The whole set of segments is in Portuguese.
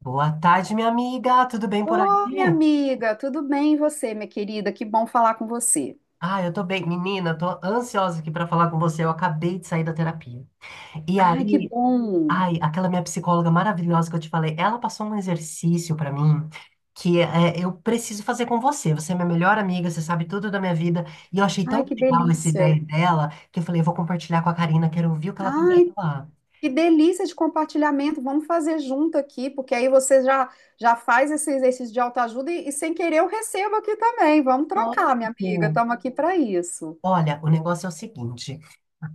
Boa tarde, minha amiga. Tudo bem por aí? Ô, minha amiga, tudo bem e você, minha querida? Que bom falar com você. Ah, eu tô bem. Menina, tô ansiosa aqui pra falar com você. Eu acabei de sair da terapia. E Ai, que aí, bom. ai, aquela minha psicóloga maravilhosa que eu te falei, ela passou um exercício pra mim que é, eu preciso fazer com você. Você é minha melhor amiga, você sabe tudo da minha vida. E eu achei Ai, tão que legal essa delícia. ideia dela que eu falei, eu vou compartilhar com a Karina, quero ouvir o que ela tem pra Ai, falar. que delícia de compartilhamento. Vamos fazer junto aqui, porque aí você já faz esse exercício de autoajuda e sem querer eu recebo aqui também. Vamos trocar, minha amiga. Lógico. Estamos aqui para isso. Olha, o negócio é o seguinte.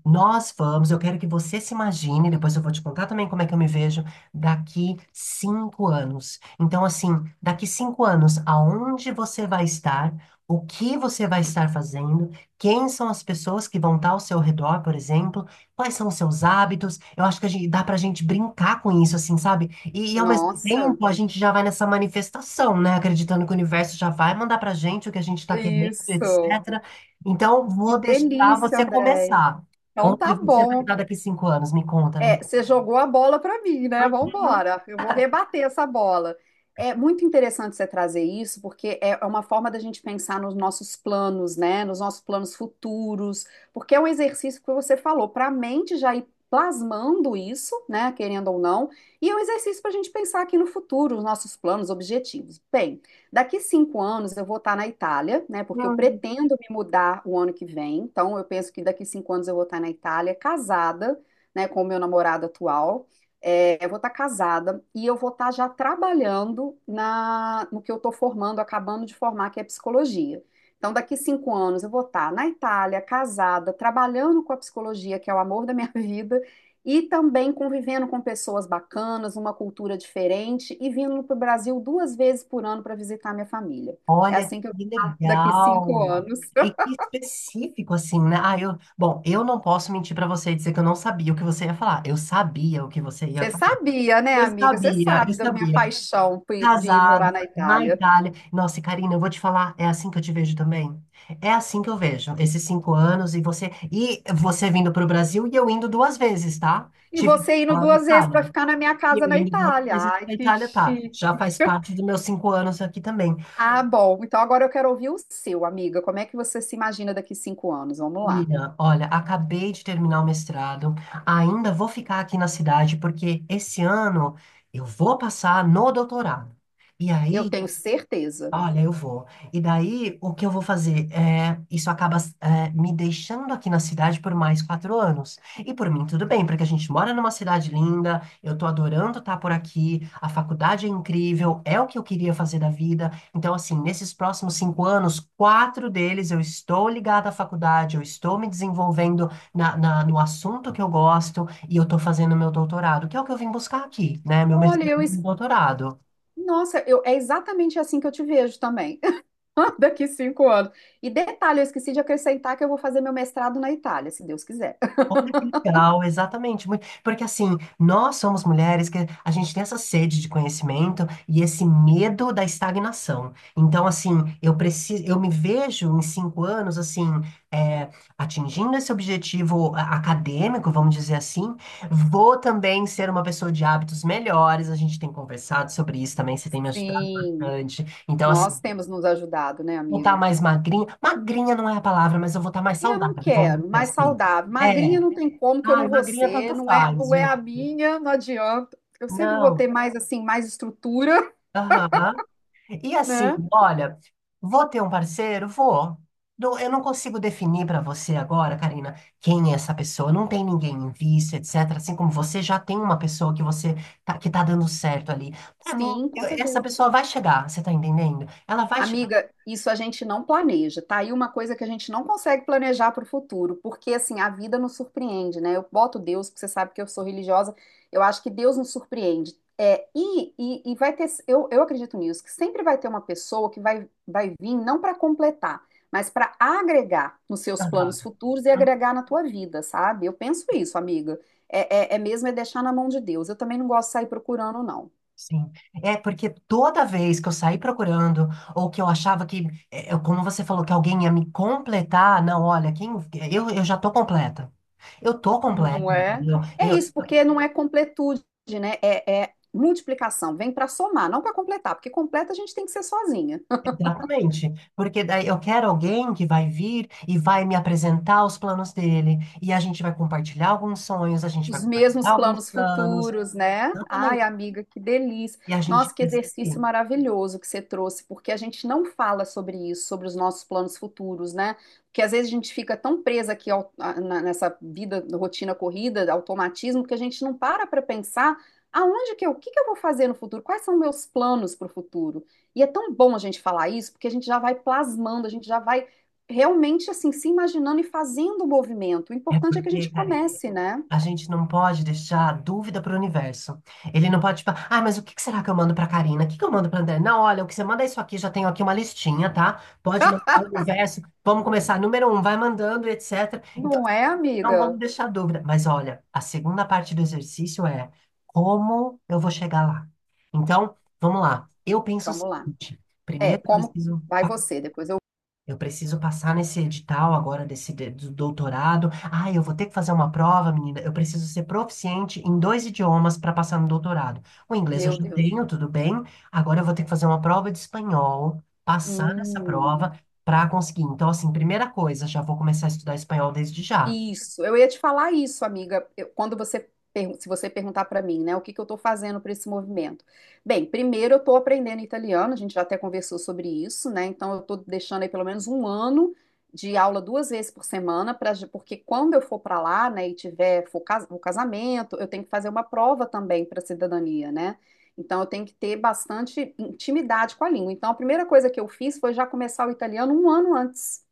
Nós vamos, eu quero que você se imagine, depois eu vou te contar também como é que eu me vejo daqui 5 anos. Então, assim, daqui 5 anos, aonde você vai estar, o que você vai estar fazendo, quem são as pessoas que vão estar ao seu redor, por exemplo, quais são os seus hábitos. Eu acho que a gente, dá pra gente brincar com isso, assim, sabe? E ao mesmo Nossa, tempo, a gente já vai nessa manifestação, né? Acreditando que o universo já vai mandar pra gente o que a gente tá querendo, isso. etc. Então, Que vou deixar delícia, você Andréia. começar. Então Onde tá você vai bom. estar daqui 5 anos? Me conta, É, amiga. você jogou a bola para mim, né? Vamos embora, eu vou rebater essa bola. É muito interessante você trazer isso, porque é uma forma da gente pensar nos nossos planos, né? Nos nossos planos futuros, porque é um exercício que você falou, para a mente já ir plasmando isso, né? Querendo ou não, e é um exercício para a gente pensar aqui no futuro, os nossos planos, objetivos. Bem, daqui 5 anos eu vou estar na Itália, né? Porque eu Uhum. pretendo me mudar o ano que vem, então eu penso que daqui 5 anos eu vou estar na Itália, casada, né, com o meu namorado atual. É, eu vou estar casada e eu vou estar já trabalhando na, no que eu estou formando, acabando de formar, que é psicologia. Então, daqui 5 anos, eu vou estar na Itália, casada, trabalhando com a psicologia, que é o amor da minha vida, e também convivendo com pessoas bacanas, uma cultura diferente, e vindo para o Brasil 2 vezes por ano para visitar minha família. É Olha assim que eu vou que estar daqui cinco legal. anos. E que específico, assim, né? Ah, eu... Bom, eu não posso mentir pra você e dizer que eu não sabia o que você ia falar. Eu sabia o que você ia Você falar. sabia, né, Eu amiga? Você sabia, eu sabe da minha sabia. paixão de ir morar Casada, na na Itália. Itália. Nossa, e Karina, eu vou te falar, é assim que eu te vejo também. É assim que eu vejo, esses 5 anos e você... E você vindo pro Brasil e eu indo duas vezes, tá? E Tive você indo lá na 2 vezes para Itália. ficar na minha E eu casa na ainda não Itália. fiz isso Ai, na que Itália, tá? chique. Já faz parte dos meus 5 anos aqui também. Ah, bom. Então agora eu quero ouvir o seu, amiga. Como é que você se imagina daqui 5 anos? Vamos lá. Lina, olha, acabei de terminar o mestrado, ainda vou ficar aqui na cidade, porque esse ano eu vou passar no doutorado. E Eu aí, tenho certeza. olha, eu vou. E daí, o que eu vou fazer? É, isso acaba, é, me deixando aqui na cidade por mais 4 anos. E por mim, tudo bem, porque a gente mora numa cidade linda, eu tô adorando estar por aqui, a faculdade é incrível, é o que eu queria fazer da vida. Então, assim, nesses próximos 5 anos, quatro deles eu estou ligada à faculdade, eu estou me desenvolvendo no assunto que eu gosto e eu tô fazendo meu doutorado, que é o que eu vim buscar aqui, né? Meu Olha, mestrado e eu. meu es- doutorado. Nossa, eu, é exatamente assim que eu te vejo também, daqui cinco anos. E detalhe, eu esqueci de acrescentar que eu vou fazer meu mestrado na Itália, se Deus quiser. Olha que legal, exatamente. Muito- Porque assim, nós somos mulheres que a gente tem essa sede de conhecimento e esse medo da estagnação. Então, assim, eu preciso, eu me vejo em 5 anos, assim, é, atingindo esse objetivo acadêmico, vamos dizer assim. Vou também ser uma pessoa de hábitos melhores. A gente tem conversado sobre isso também, você tem me ajudado Sim, bastante. Então, nós assim, temos nos ajudado, né, vou estar amiga? mais magrinha. Magrinha não é a palavra, mas eu vou estar mais Eu não saudável, vamos quero, dizer mais assim. saudável. É. Magrinha não tem como que eu Ai, não vou magrinha ser, tanto não é, faz, não é gente. a minha, não adianta. Eu sempre vou Não. ter mais assim, mais estrutura, Aham. E assim, né? olha, vou ter um parceiro? Vou. Não- Eu não consigo definir para você agora, Karina, quem é essa pessoa. Não tem ninguém em vista, etc. Assim como você já tem uma pessoa que você tá, que tá dando certo ali. Para mim, Sim, com eu- essa certeza. pessoa vai chegar, você tá entendendo? Ela vai chegar. Amiga, isso a gente não planeja, tá? E uma coisa que a gente não consegue planejar para o futuro, porque assim, a vida nos surpreende, né? Eu boto Deus, porque você sabe que eu sou religiosa, eu acho que Deus nos surpreende. É, e vai ter, eu acredito nisso, que sempre vai ter uma pessoa que vai vir não para completar, mas para agregar nos seus Aham. planos futuros e agregar na tua vida, sabe? Eu penso isso, amiga. É mesmo é deixar na mão de Deus. Eu também não gosto de sair procurando, não. Sim. É porque toda vez que eu saí procurando, ou que eu achava que, como você falou, que alguém ia me completar, não, olha, quem, eu já tô completa. Eu tô completa, Não é? entendeu? É Eu, isso, porque não é completude, né? É, é multiplicação, vem para somar, não para completar, porque completa a gente tem que ser sozinha. exatamente. Porque daí eu quero alguém que vai vir e vai me apresentar os planos dele. E a gente vai compartilhar alguns sonhos, a gente vai Os compartilhar mesmos alguns planos planos. futuros, né? Ai, Exatamente. amiga, que delícia. E a Nossa, gente que vai seguir. exercício maravilhoso que você trouxe, porque a gente não fala sobre isso, sobre os nossos planos futuros, né? Porque às vezes a gente fica tão presa aqui nessa vida, rotina corrida, automatismo, que a gente não para pensar o que que eu vou fazer no futuro, quais são meus planos para o futuro. E é tão bom a gente falar isso, porque a gente já vai plasmando, a gente já vai realmente assim se imaginando e fazendo o movimento. O É importante é que a porque, gente cara, comece, né? a gente não pode deixar dúvida para o universo. Ele não pode, tipo, ah, mas o que que será que eu mando para Karina? O que que eu mando para André? Não, olha, o que você manda é isso aqui, já tenho aqui uma listinha, tá? Pode mandar o universo, vamos começar. Número um, vai mandando, etc. Então, Não assim, é, não vamos amiga? deixar dúvida. Mas olha, a segunda parte do exercício é como eu vou chegar lá. Então, vamos lá. Eu penso o Vamos lá. seguinte: É, primeiro, eu como preciso. vai você? Depois eu. Eu preciso passar nesse edital agora desse do doutorado. Ah, eu vou ter que fazer uma prova, menina. Eu preciso ser proficiente em dois idiomas para passar no doutorado. O inglês eu Meu já Deus. tenho, tudo bem. Agora eu vou ter que fazer uma prova de espanhol, passar nessa Hum. prova para conseguir. Então, assim, primeira coisa, já vou começar a estudar espanhol desde já. Isso, eu ia te falar isso, amiga, quando você pergun- se você perguntar para mim, né, o que que eu estou fazendo para esse movimento? Bem, primeiro eu estou aprendendo italiano, a gente já até conversou sobre isso, né? Então eu estou deixando aí pelo menos um ano de aula 2 vezes por semana, porque quando eu for para lá, né, e o casamento, eu tenho que fazer uma prova também para cidadania, né? Então eu tenho que ter bastante intimidade com a língua. Então a primeira coisa que eu fiz foi já começar o italiano um ano antes,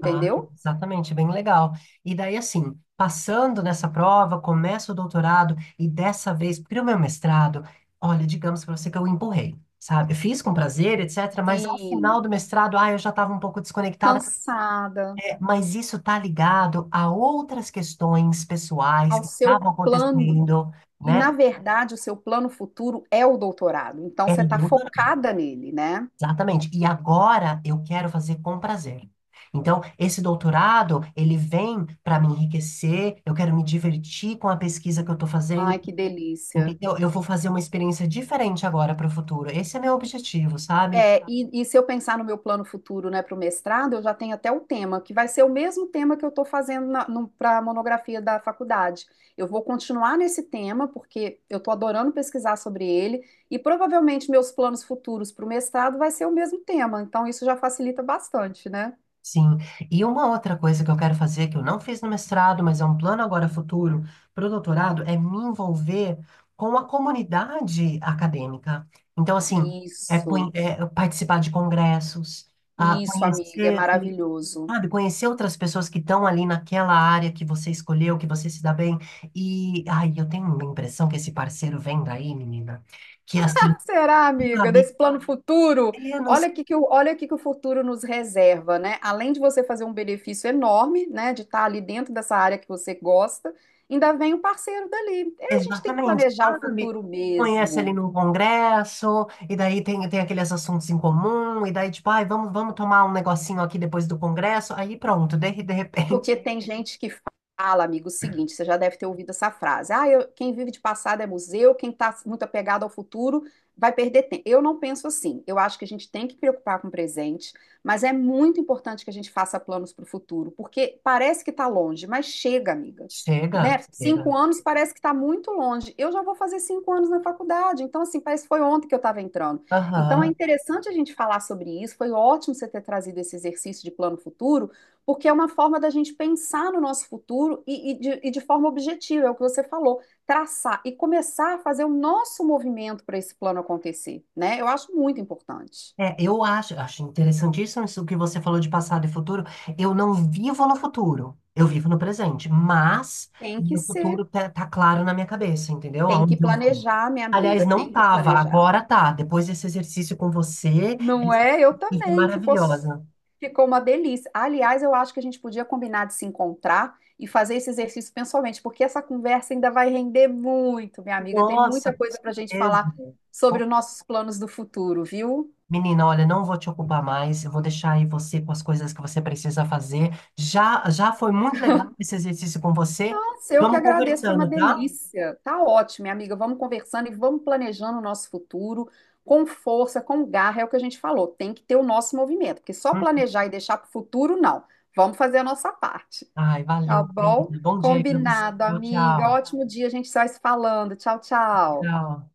Ah, exatamente, bem legal. E daí, assim, passando nessa prova, começo o doutorado, e dessa vez, para o meu mestrado, olha, digamos para você que eu empurrei sabe? Eu fiz com prazer, etc., mas ao Sim. final do mestrado, ah, eu já estava um pouco desconectada, Cansada, é, mas isso tá ligado a outras questões pessoais ao que seu estavam plano. acontecendo, E, na né? verdade, o seu plano futuro é o doutorado. Então, É, você está focada nele, né? exatamente. E agora eu quero fazer com prazer. Então, esse doutorado, ele vem para me enriquecer, eu quero me divertir com a pesquisa que eu estou fazendo, Ai, que delícia. entendeu? Eu vou fazer uma experiência diferente agora para o futuro. Esse é meu objetivo, sabe? É, e se eu pensar no meu plano futuro, né, para o mestrado, eu já tenho até o tema, que vai ser o mesmo tema que eu estou fazendo para a monografia da faculdade. Eu vou continuar nesse tema, porque eu estou adorando pesquisar sobre ele, e provavelmente meus planos futuros para o mestrado vai ser o mesmo tema. Então, isso já facilita bastante, né? Sim. E uma outra coisa que eu quero fazer, que eu não fiz no mestrado, mas é um plano agora futuro para o doutorado, é me envolver com a comunidade acadêmica. Então, assim, é, Isso. é participar de congressos, ah, Isso, amiga, é conhecer maravilhoso. sabe, conhecer outras pessoas que estão ali naquela área que você escolheu, que você se dá bem. E, ai, eu tenho uma impressão que esse parceiro vem daí, menina, que assim, Será, amiga, sabe? desse plano futuro? É, não sei Olha o que que o futuro nos reserva, né? Além de você fazer um benefício enorme, né, de estar ali dentro dessa área que você gosta, ainda vem o parceiro dali. É, a gente tem que exatamente, planejar o sabe? futuro Conhece ali mesmo. num congresso, e daí tem aqueles assuntos em comum, e daí tipo, ai, vamos tomar um negocinho aqui depois do congresso. Aí pronto, de repente, Porque tem gente que fala, amigo, o seguinte, você já deve ter ouvido essa frase. Ah, quem vive de passado é museu, quem está muito apegado ao futuro vai perder tempo. Eu não penso assim. Eu acho que a gente tem que preocupar com o presente, mas é muito importante que a gente faça planos para o futuro, porque parece que está longe, mas chega, amiga. Né? chega, Cinco chega. anos parece que está muito longe. Eu já vou fazer 5 anos na faculdade, então assim, parece que foi ontem que eu estava entrando. Então é Aham. interessante a gente falar sobre isso. Foi ótimo você ter trazido esse exercício de plano futuro, porque é uma forma da gente pensar no nosso futuro e de forma objetiva, é o que você falou, traçar e começar a fazer o nosso movimento para esse plano acontecer, né? Eu acho muito importante. É, eu acho, acho interessantíssimo isso que você falou de passado e futuro. Eu não vivo no futuro, eu vivo no presente, mas o Tem que meu ser, futuro tá claro na minha cabeça, entendeu? tem que Aonde eu vou. planejar, minha Aliás, amiga, tem não que tava, planejar. agora tá. Depois desse exercício com você, Não essa é? Eu coisa foi também, maravilhosa. ficou uma delícia. Aliás, eu acho que a gente podia combinar de se encontrar e fazer esse exercício pessoalmente, porque essa conversa ainda vai render muito, minha amiga, tem Nossa, muita com coisa para a gente certeza. falar sobre Bom, os nossos planos do futuro, viu? menina, olha, não vou te ocupar mais, eu vou deixar aí você com as coisas que você precisa fazer. Já foi muito legal esse exercício com você. Nossa, eu que Vamos agradeço, foi uma conversando, tá? delícia. Tá ótimo, minha amiga. Vamos conversando e vamos planejando o nosso futuro com força, com garra, é o que a gente falou. Tem que ter o nosso movimento, porque só planejar e deixar para o futuro, não. Vamos fazer a nossa parte, Ai, tá valeu, bom? querido. Bom dia aí pra você. Combinado, Tchau, amiga. tchau. Ótimo dia, a gente sai se falando. Tchau, tchau. Tchau.